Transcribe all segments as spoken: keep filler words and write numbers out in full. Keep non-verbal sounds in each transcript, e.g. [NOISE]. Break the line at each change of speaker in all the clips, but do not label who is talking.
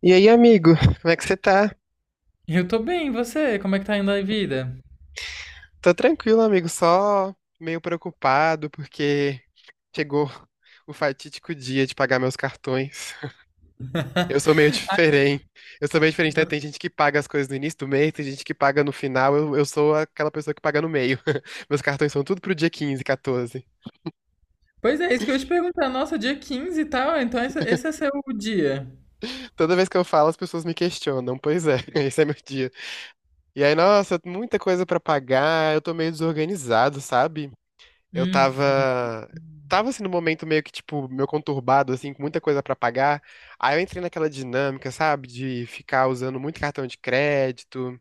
E aí, amigo, como é que você tá?
Eu tô bem, e você? Como é que tá indo a vida?
Tô tranquilo, amigo, só meio preocupado porque chegou o fatídico dia de pagar meus cartões. [LAUGHS] Eu sou meio
[LAUGHS] Ah,
diferente. Eu sou meio diferente, né? Tem gente que paga as coisas no início do mês, tem gente que paga no final. Eu, eu sou aquela pessoa que paga no meio. [LAUGHS] Meus cartões são tudo pro dia quinze, quatorze.
pois é, isso que eu ia te perguntar. Nossa, dia quinze e tal, então esse, esse é seu dia.
Toda vez que eu falo, as pessoas me questionam. Pois é, [LAUGHS] esse é meu dia. E aí, nossa, muita coisa pra pagar. Eu tô meio desorganizado, sabe? Eu
Hum,
tava. Tava assim no momento meio que, tipo, meio conturbado, assim, com muita coisa pra pagar. Aí eu entrei naquela dinâmica, sabe, de ficar usando muito cartão de crédito.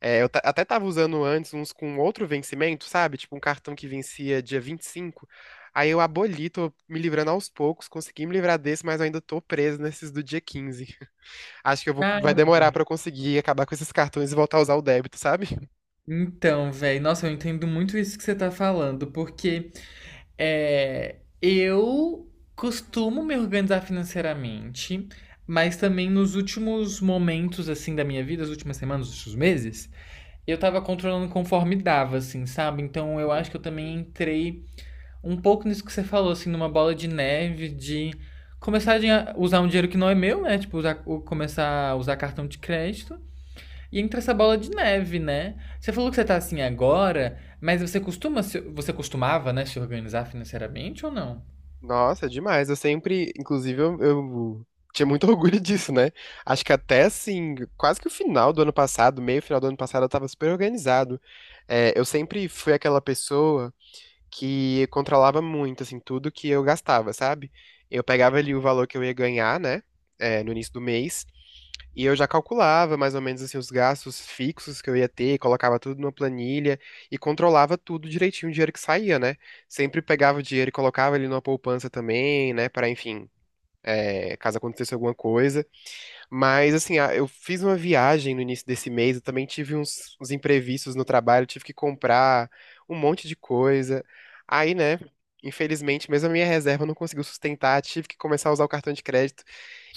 É, eu ta- até tava usando antes uns com outro vencimento, sabe? Tipo, um cartão que vencia dia vinte e cinco. Aí eu aboli, tô me livrando aos poucos, consegui me livrar desse, mas eu ainda tô preso nesses do dia quinze. Acho que eu vou, vai demorar
cara.
pra eu conseguir acabar com esses cartões e voltar a usar o débito, sabe?
Então, velho, nossa, eu entendo muito isso que você tá falando, porque é, eu costumo me organizar financeiramente, mas também nos últimos momentos, assim, da minha vida, as últimas semanas, os últimos meses, eu tava controlando conforme dava, assim, sabe? Então eu acho que eu também entrei um pouco nisso que você falou, assim, numa bola de neve, de começar a usar um dinheiro que não é meu, né? Tipo, usar, começar a usar cartão de crédito. E entra essa bola de neve, né? Você falou que você tá assim agora, mas você costuma, se- você costumava, né, se organizar financeiramente ou não?
Nossa, é demais. Eu sempre, inclusive, eu, eu tinha muito [LAUGHS] orgulho disso, né? Acho que até assim, quase que o final do ano passado, meio final do ano passado, eu tava super organizado. É, eu sempre fui aquela pessoa que controlava muito, assim, tudo que eu gastava, sabe? Eu pegava ali o valor que eu ia ganhar, né? É, no início do mês, e eu já calculava mais ou menos assim os gastos fixos que eu ia ter, colocava tudo numa planilha e controlava tudo direitinho o dinheiro que saía, né? Sempre pegava o dinheiro e colocava ele numa poupança também, né? Para, enfim, é, caso acontecesse alguma coisa. Mas assim, a- eu fiz uma viagem no início desse mês, eu também tive uns, uns imprevistos no trabalho, tive que comprar um monte de coisa. Aí, né? Infelizmente, mesmo a minha reserva não conseguiu sustentar, tive que começar a usar o cartão de crédito.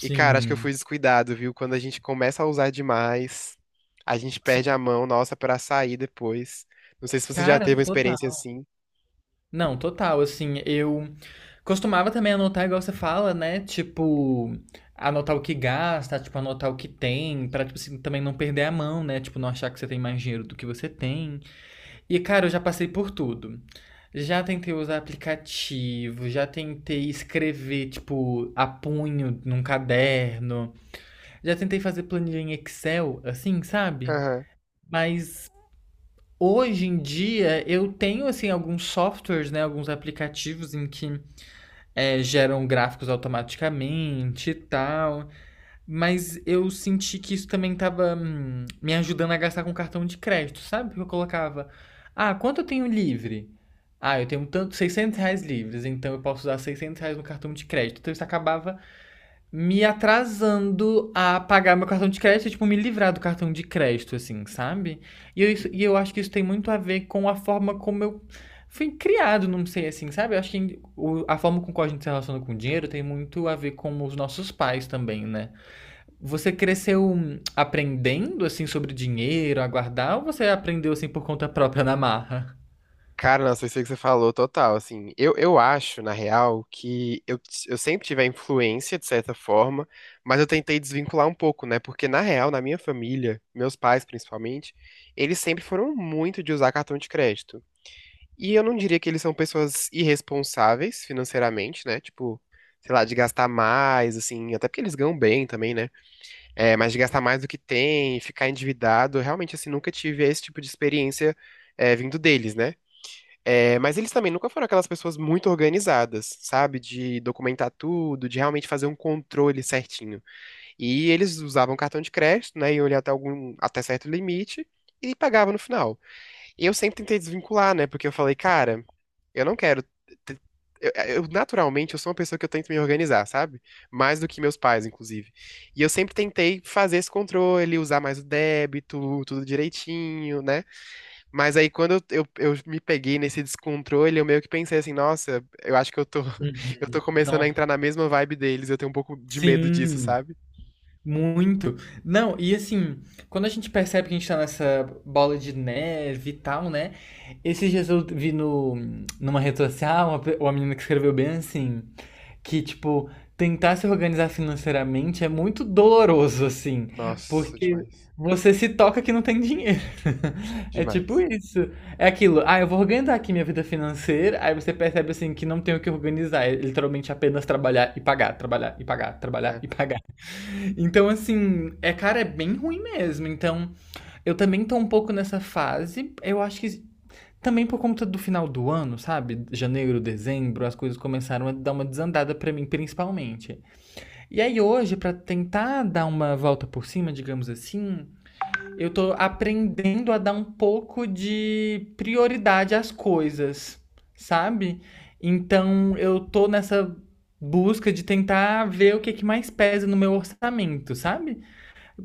E, cara, acho que eu fui descuidado, viu? Quando a gente começa a usar demais, a gente perde
sim.
a mão, nossa, pra sair depois. Não sei se você já
Cara,
teve uma experiência
total.
assim.
Não, total, assim, eu costumava também anotar, igual você fala, né? Tipo, anotar o que gasta, tipo, anotar o que tem, pra, tipo assim, também não perder a mão, né? Tipo, não achar que você tem mais dinheiro do que você tem. E, cara, eu já passei por tudo. Já tentei usar aplicativo, já tentei escrever, tipo, a punho num caderno, já tentei fazer planilha em Excel, assim, sabe?
Aham.
Mas hoje em dia eu tenho, assim, alguns softwares, né? Alguns aplicativos em que é, geram gráficos automaticamente e tal. Mas eu senti que isso também tava hum, me ajudando a gastar com cartão de crédito, sabe? Porque eu colocava, ah, quanto eu tenho livre? Ah, eu tenho tanto, seiscentos reais livres, então eu posso usar seiscentos reais no cartão de crédito. Então isso acabava me atrasando a pagar meu cartão de crédito, tipo, me livrar do cartão de crédito, assim, sabe? E eu, isso-
Uhum.
e eu acho que isso tem muito a ver com a forma como eu fui criado, não sei, assim, sabe? Eu acho que o- a forma com qual a gente se relaciona com o dinheiro tem muito a ver com os nossos pais também, né? Você cresceu hum, aprendendo, assim, sobre dinheiro, a guardar, ou você aprendeu, assim, por conta própria, na marra?
Cara, nossa, isso aí que você falou, total, assim, eu, eu acho, na real, que eu, eu sempre tive a influência, de certa forma, mas eu tentei desvincular um pouco, né, porque, na real, na minha família, meus pais, principalmente, eles sempre foram muito de usar cartão de crédito, e eu não diria que eles são pessoas irresponsáveis financeiramente, né, tipo, sei lá, de gastar mais, assim, até porque eles ganham bem também, né, é, mas de gastar mais do que tem, ficar endividado, realmente, assim, nunca tive esse tipo de experiência, é, vindo deles, né, é, mas eles também nunca foram aquelas pessoas muito organizadas, sabe? De documentar tudo, de realmente fazer um controle certinho. E eles usavam cartão de crédito, né? E olhar até algum, até certo limite e pagavam no final. E eu sempre tentei desvincular, né? Porque eu falei, cara, eu não quero. te- Eu, eu, naturalmente, eu sou uma pessoa que eu tento me organizar, sabe? Mais do que meus pais, inclusive. E eu sempre tentei fazer esse controle, usar mais o débito, tudo direitinho, né? Mas aí quando eu, eu, eu me peguei nesse descontrole, eu meio que pensei assim, nossa, eu acho que eu tô, [LAUGHS] eu tô
Uhum.
começando a
Nossa.
entrar na mesma vibe deles, eu tenho um pouco de medo disso,
Sim.
sabe?
Muito. Não, e assim, quando a gente percebe que a gente tá nessa bola de neve e tal, né? Esses dias eu vi no, numa rede social uma, pe- uma menina que escreveu bem assim, que tipo, tentar se organizar financeiramente é muito doloroso, assim,
Nossa,
porque
demais.
você se toca que não tem dinheiro. [LAUGHS] É tipo
Demais.
isso. É aquilo, ah, eu vou organizar aqui minha vida financeira, aí você percebe assim que não tem o que organizar, é literalmente apenas trabalhar e pagar, trabalhar e pagar, trabalhar
É.
e pagar. Então, assim, é, cara, é bem ruim mesmo. Então, eu também tô um pouco nessa fase. Eu acho que também por conta do final do ano, sabe? Janeiro, dezembro, as coisas começaram a dar uma desandada pra mim, principalmente. E aí hoje, pra tentar dar uma volta por cima, digamos assim, eu tô aprendendo a dar um pouco de prioridade às coisas, sabe? Então, eu tô nessa busca de tentar ver o que é que mais pesa no meu orçamento, sabe?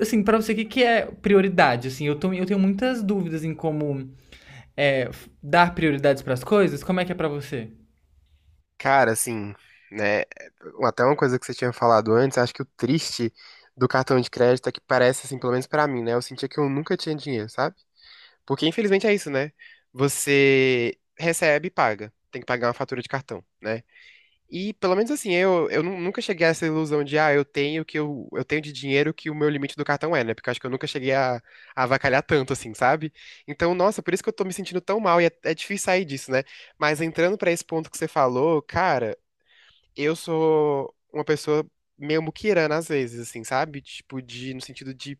Assim, pra você, o que, que é prioridade? Assim, eu, tô, eu tenho muitas dúvidas em como é, dar prioridades pras coisas. Como é que é pra você?
Cara, assim, né? Até uma coisa que você tinha falado antes, acho que o triste do cartão de crédito é que parece, assim, pelo menos pra mim, né? Eu sentia que eu nunca tinha dinheiro, sabe? Porque infelizmente é isso, né? Você recebe e paga. Tem que pagar uma fatura de cartão, né? E pelo menos assim, eu, eu nu- nunca cheguei a essa ilusão de, ah, eu tenho que eu, eu tenho de dinheiro que o meu limite do cartão é, né? Porque eu acho que eu nunca cheguei a, a avacalhar tanto, assim, sabe? Então, nossa, por isso que eu tô me sentindo tão mal e é, é difícil sair disso, né? Mas entrando pra esse ponto que você falou, cara, eu sou uma pessoa meio muquirana às vezes, assim, sabe? Tipo, de, no sentido de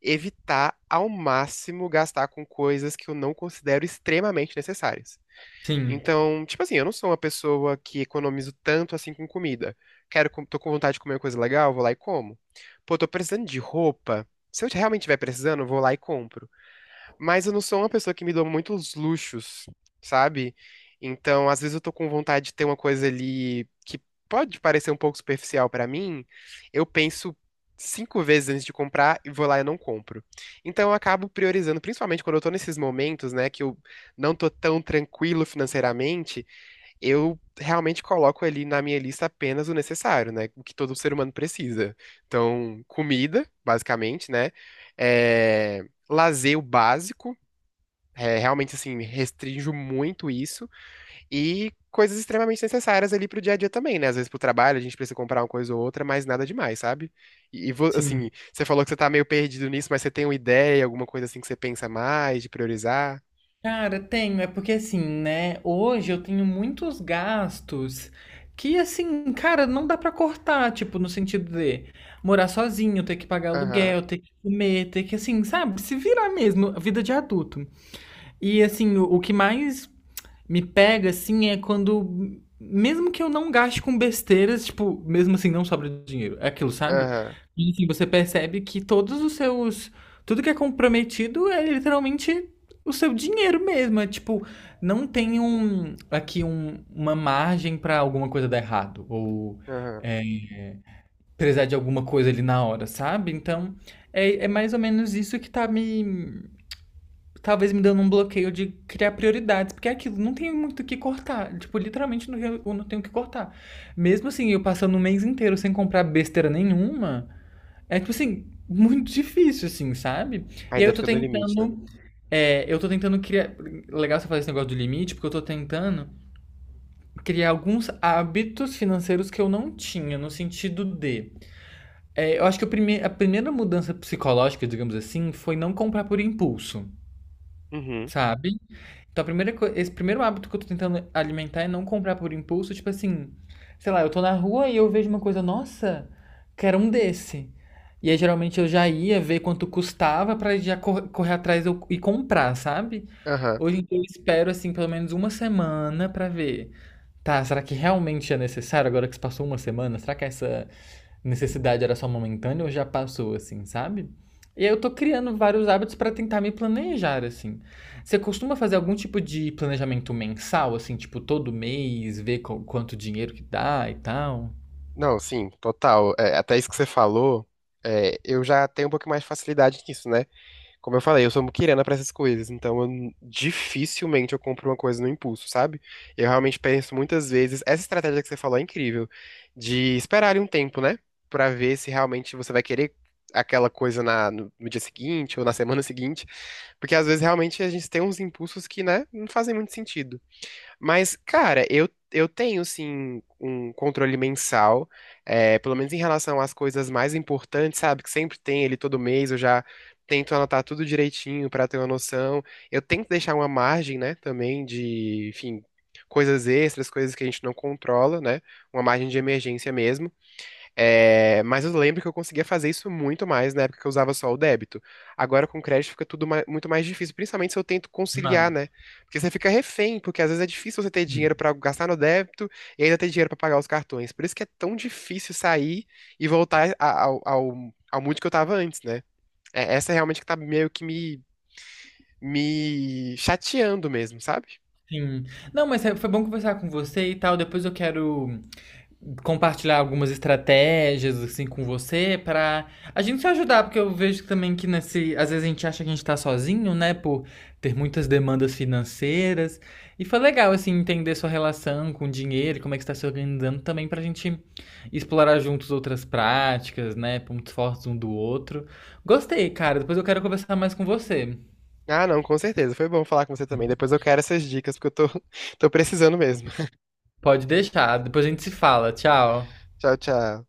evitar ao máximo gastar com coisas que eu não considero extremamente necessárias.
Sim,
Então, tipo assim, eu não sou uma pessoa que economizo tanto assim com comida. Quero, com- tô com vontade de comer uma coisa legal, vou lá e como. Pô, tô precisando de roupa. Se eu realmente estiver precisando, eu vou lá e compro. Mas eu não sou uma pessoa que me dou muitos luxos, sabe? Então, às vezes eu tô com vontade de ter uma coisa ali que pode parecer um pouco superficial pra mim. Eu penso cinco vezes antes de comprar e vou lá e não compro. Então, eu acabo priorizando, principalmente quando eu tô nesses momentos, né, que eu não tô tão tranquilo financeiramente, eu realmente coloco ali na minha lista apenas o necessário, né? O que todo ser humano precisa. Então, comida, basicamente, né? É... Lazer o básico é, realmente, assim, restrinjo muito isso. E coisas extremamente necessárias ali pro dia a dia também, né? Às vezes pro trabalho a gente precisa comprar uma coisa ou outra, mas nada demais, sabe? E, e vo- assim,
sim.
você falou que você tá meio perdido nisso, mas você tem uma ideia, alguma coisa assim que você pensa mais, de priorizar?
Cara, tenho. É porque, assim, né? Hoje eu tenho muitos gastos que, assim, cara, não dá pra cortar. Tipo, no sentido de morar sozinho, ter que pagar
Aham,
aluguel, ter que comer, ter que, assim, sabe? Se virar mesmo. Vida de adulto. E assim, o, o que mais me pega, assim, é quando. Mesmo que eu não gaste com besteiras, tipo, mesmo assim, não sobra dinheiro. É aquilo, sabe?
aham,
E assim, você percebe que todos os seus. Tudo que é comprometido é literalmente o seu dinheiro mesmo. É tipo, não tem um. Aqui um, uma margem pra alguma coisa dar errado. Ou
aham.
é, precisar de alguma coisa ali na hora, sabe? Então, é, é mais ou menos isso que tá me, talvez me dando um bloqueio de criar prioridades, porque é aquilo, não tem muito o que cortar. Tipo, literalmente não, eu não tenho o que cortar. Mesmo assim, eu passando o mês inteiro sem comprar besteira nenhuma, é tipo assim, muito difícil, assim, sabe? E aí
Ainda
eu tô
fica no limite, né?
tentando. é, eu tô tentando criar. Legal você fazer esse negócio do limite, porque eu tô tentando criar alguns hábitos financeiros que eu não tinha, no sentido de. é, eu acho que o prime- a primeira mudança psicológica, digamos assim, foi não comprar por impulso,
Uhum,
sabe? Então, a primeira coi esse primeiro hábito que eu tô tentando alimentar é não comprar por impulso, tipo assim, sei lá, eu tô na rua e eu vejo uma coisa, nossa, quero um desse. E aí geralmente eu já ia ver quanto custava pra já cor- correr atrás eu- e comprar, sabe?
aham.
Hoje em dia eu espero assim pelo menos uma semana pra ver. Tá, será que realmente é necessário agora que se passou uma semana? Será que essa necessidade era só momentânea ou já passou, assim, sabe? E aí eu tô criando vários hábitos pra tentar me planejar, assim. Você costuma fazer algum tipo de planejamento mensal, assim, tipo todo mês, ver qu- quanto dinheiro que dá e tal?
Não, sim, total. É, até isso que você falou, é, eu já tenho um pouco mais de facilidade nisso, né? Como eu falei, eu sou muquirana pra essas coisas, então eu n- dificilmente eu compro uma coisa no impulso, sabe? Eu realmente penso muitas vezes, essa estratégia que você falou é incrível, de esperar ali um tempo, né? Pra ver se realmente você vai querer aquela coisa na, no, no dia seguinte ou na semana [LAUGHS] seguinte, porque às vezes realmente a gente tem uns impulsos que, né, não fazem muito sentido. Mas, cara, eu, eu tenho sim um controle mensal, é, pelo menos em relação às coisas mais importantes, sabe? Que sempre tem ele todo mês, eu já tento anotar tudo direitinho pra ter uma noção. Eu tento deixar uma margem, né, também de, enfim, coisas extras, coisas que a gente não controla, né? Uma margem de emergência mesmo. É, mas eu lembro que eu conseguia fazer isso muito mais na época que eu usava só o débito. Agora com crédito fica tudo ma- muito mais difícil, principalmente se eu tento conciliar,
Demais.
né? Porque você fica refém, porque às vezes é difícil você ter
Hum.
dinheiro pra gastar no débito e ainda ter dinheiro pra pagar os cartões. Por isso que é tão difícil sair e voltar a- ao, ao, ao mood que eu tava antes, né? É, essa é realmente que tá meio que me, me chateando mesmo, sabe?
Sim. Não, mas é- foi bom conversar com você e tal. Depois eu quero compartilhar algumas estratégias assim com você para a gente se ajudar, porque eu vejo também que nesse, às vezes a gente acha que a gente tá sozinho, né, por ter muitas demandas financeiras. E foi legal assim entender sua relação com o dinheiro, como é que está se organizando também pra gente explorar juntos outras práticas, né, pontos fortes um do outro. Gostei, cara. Depois eu quero conversar mais com você.
Ah, não, com certeza. Foi bom falar com você também. Depois eu quero essas dicas, porque eu tô, [LAUGHS] tô precisando mesmo.
Pode deixar, depois a gente se fala. Tchau.
Tchau, tchau.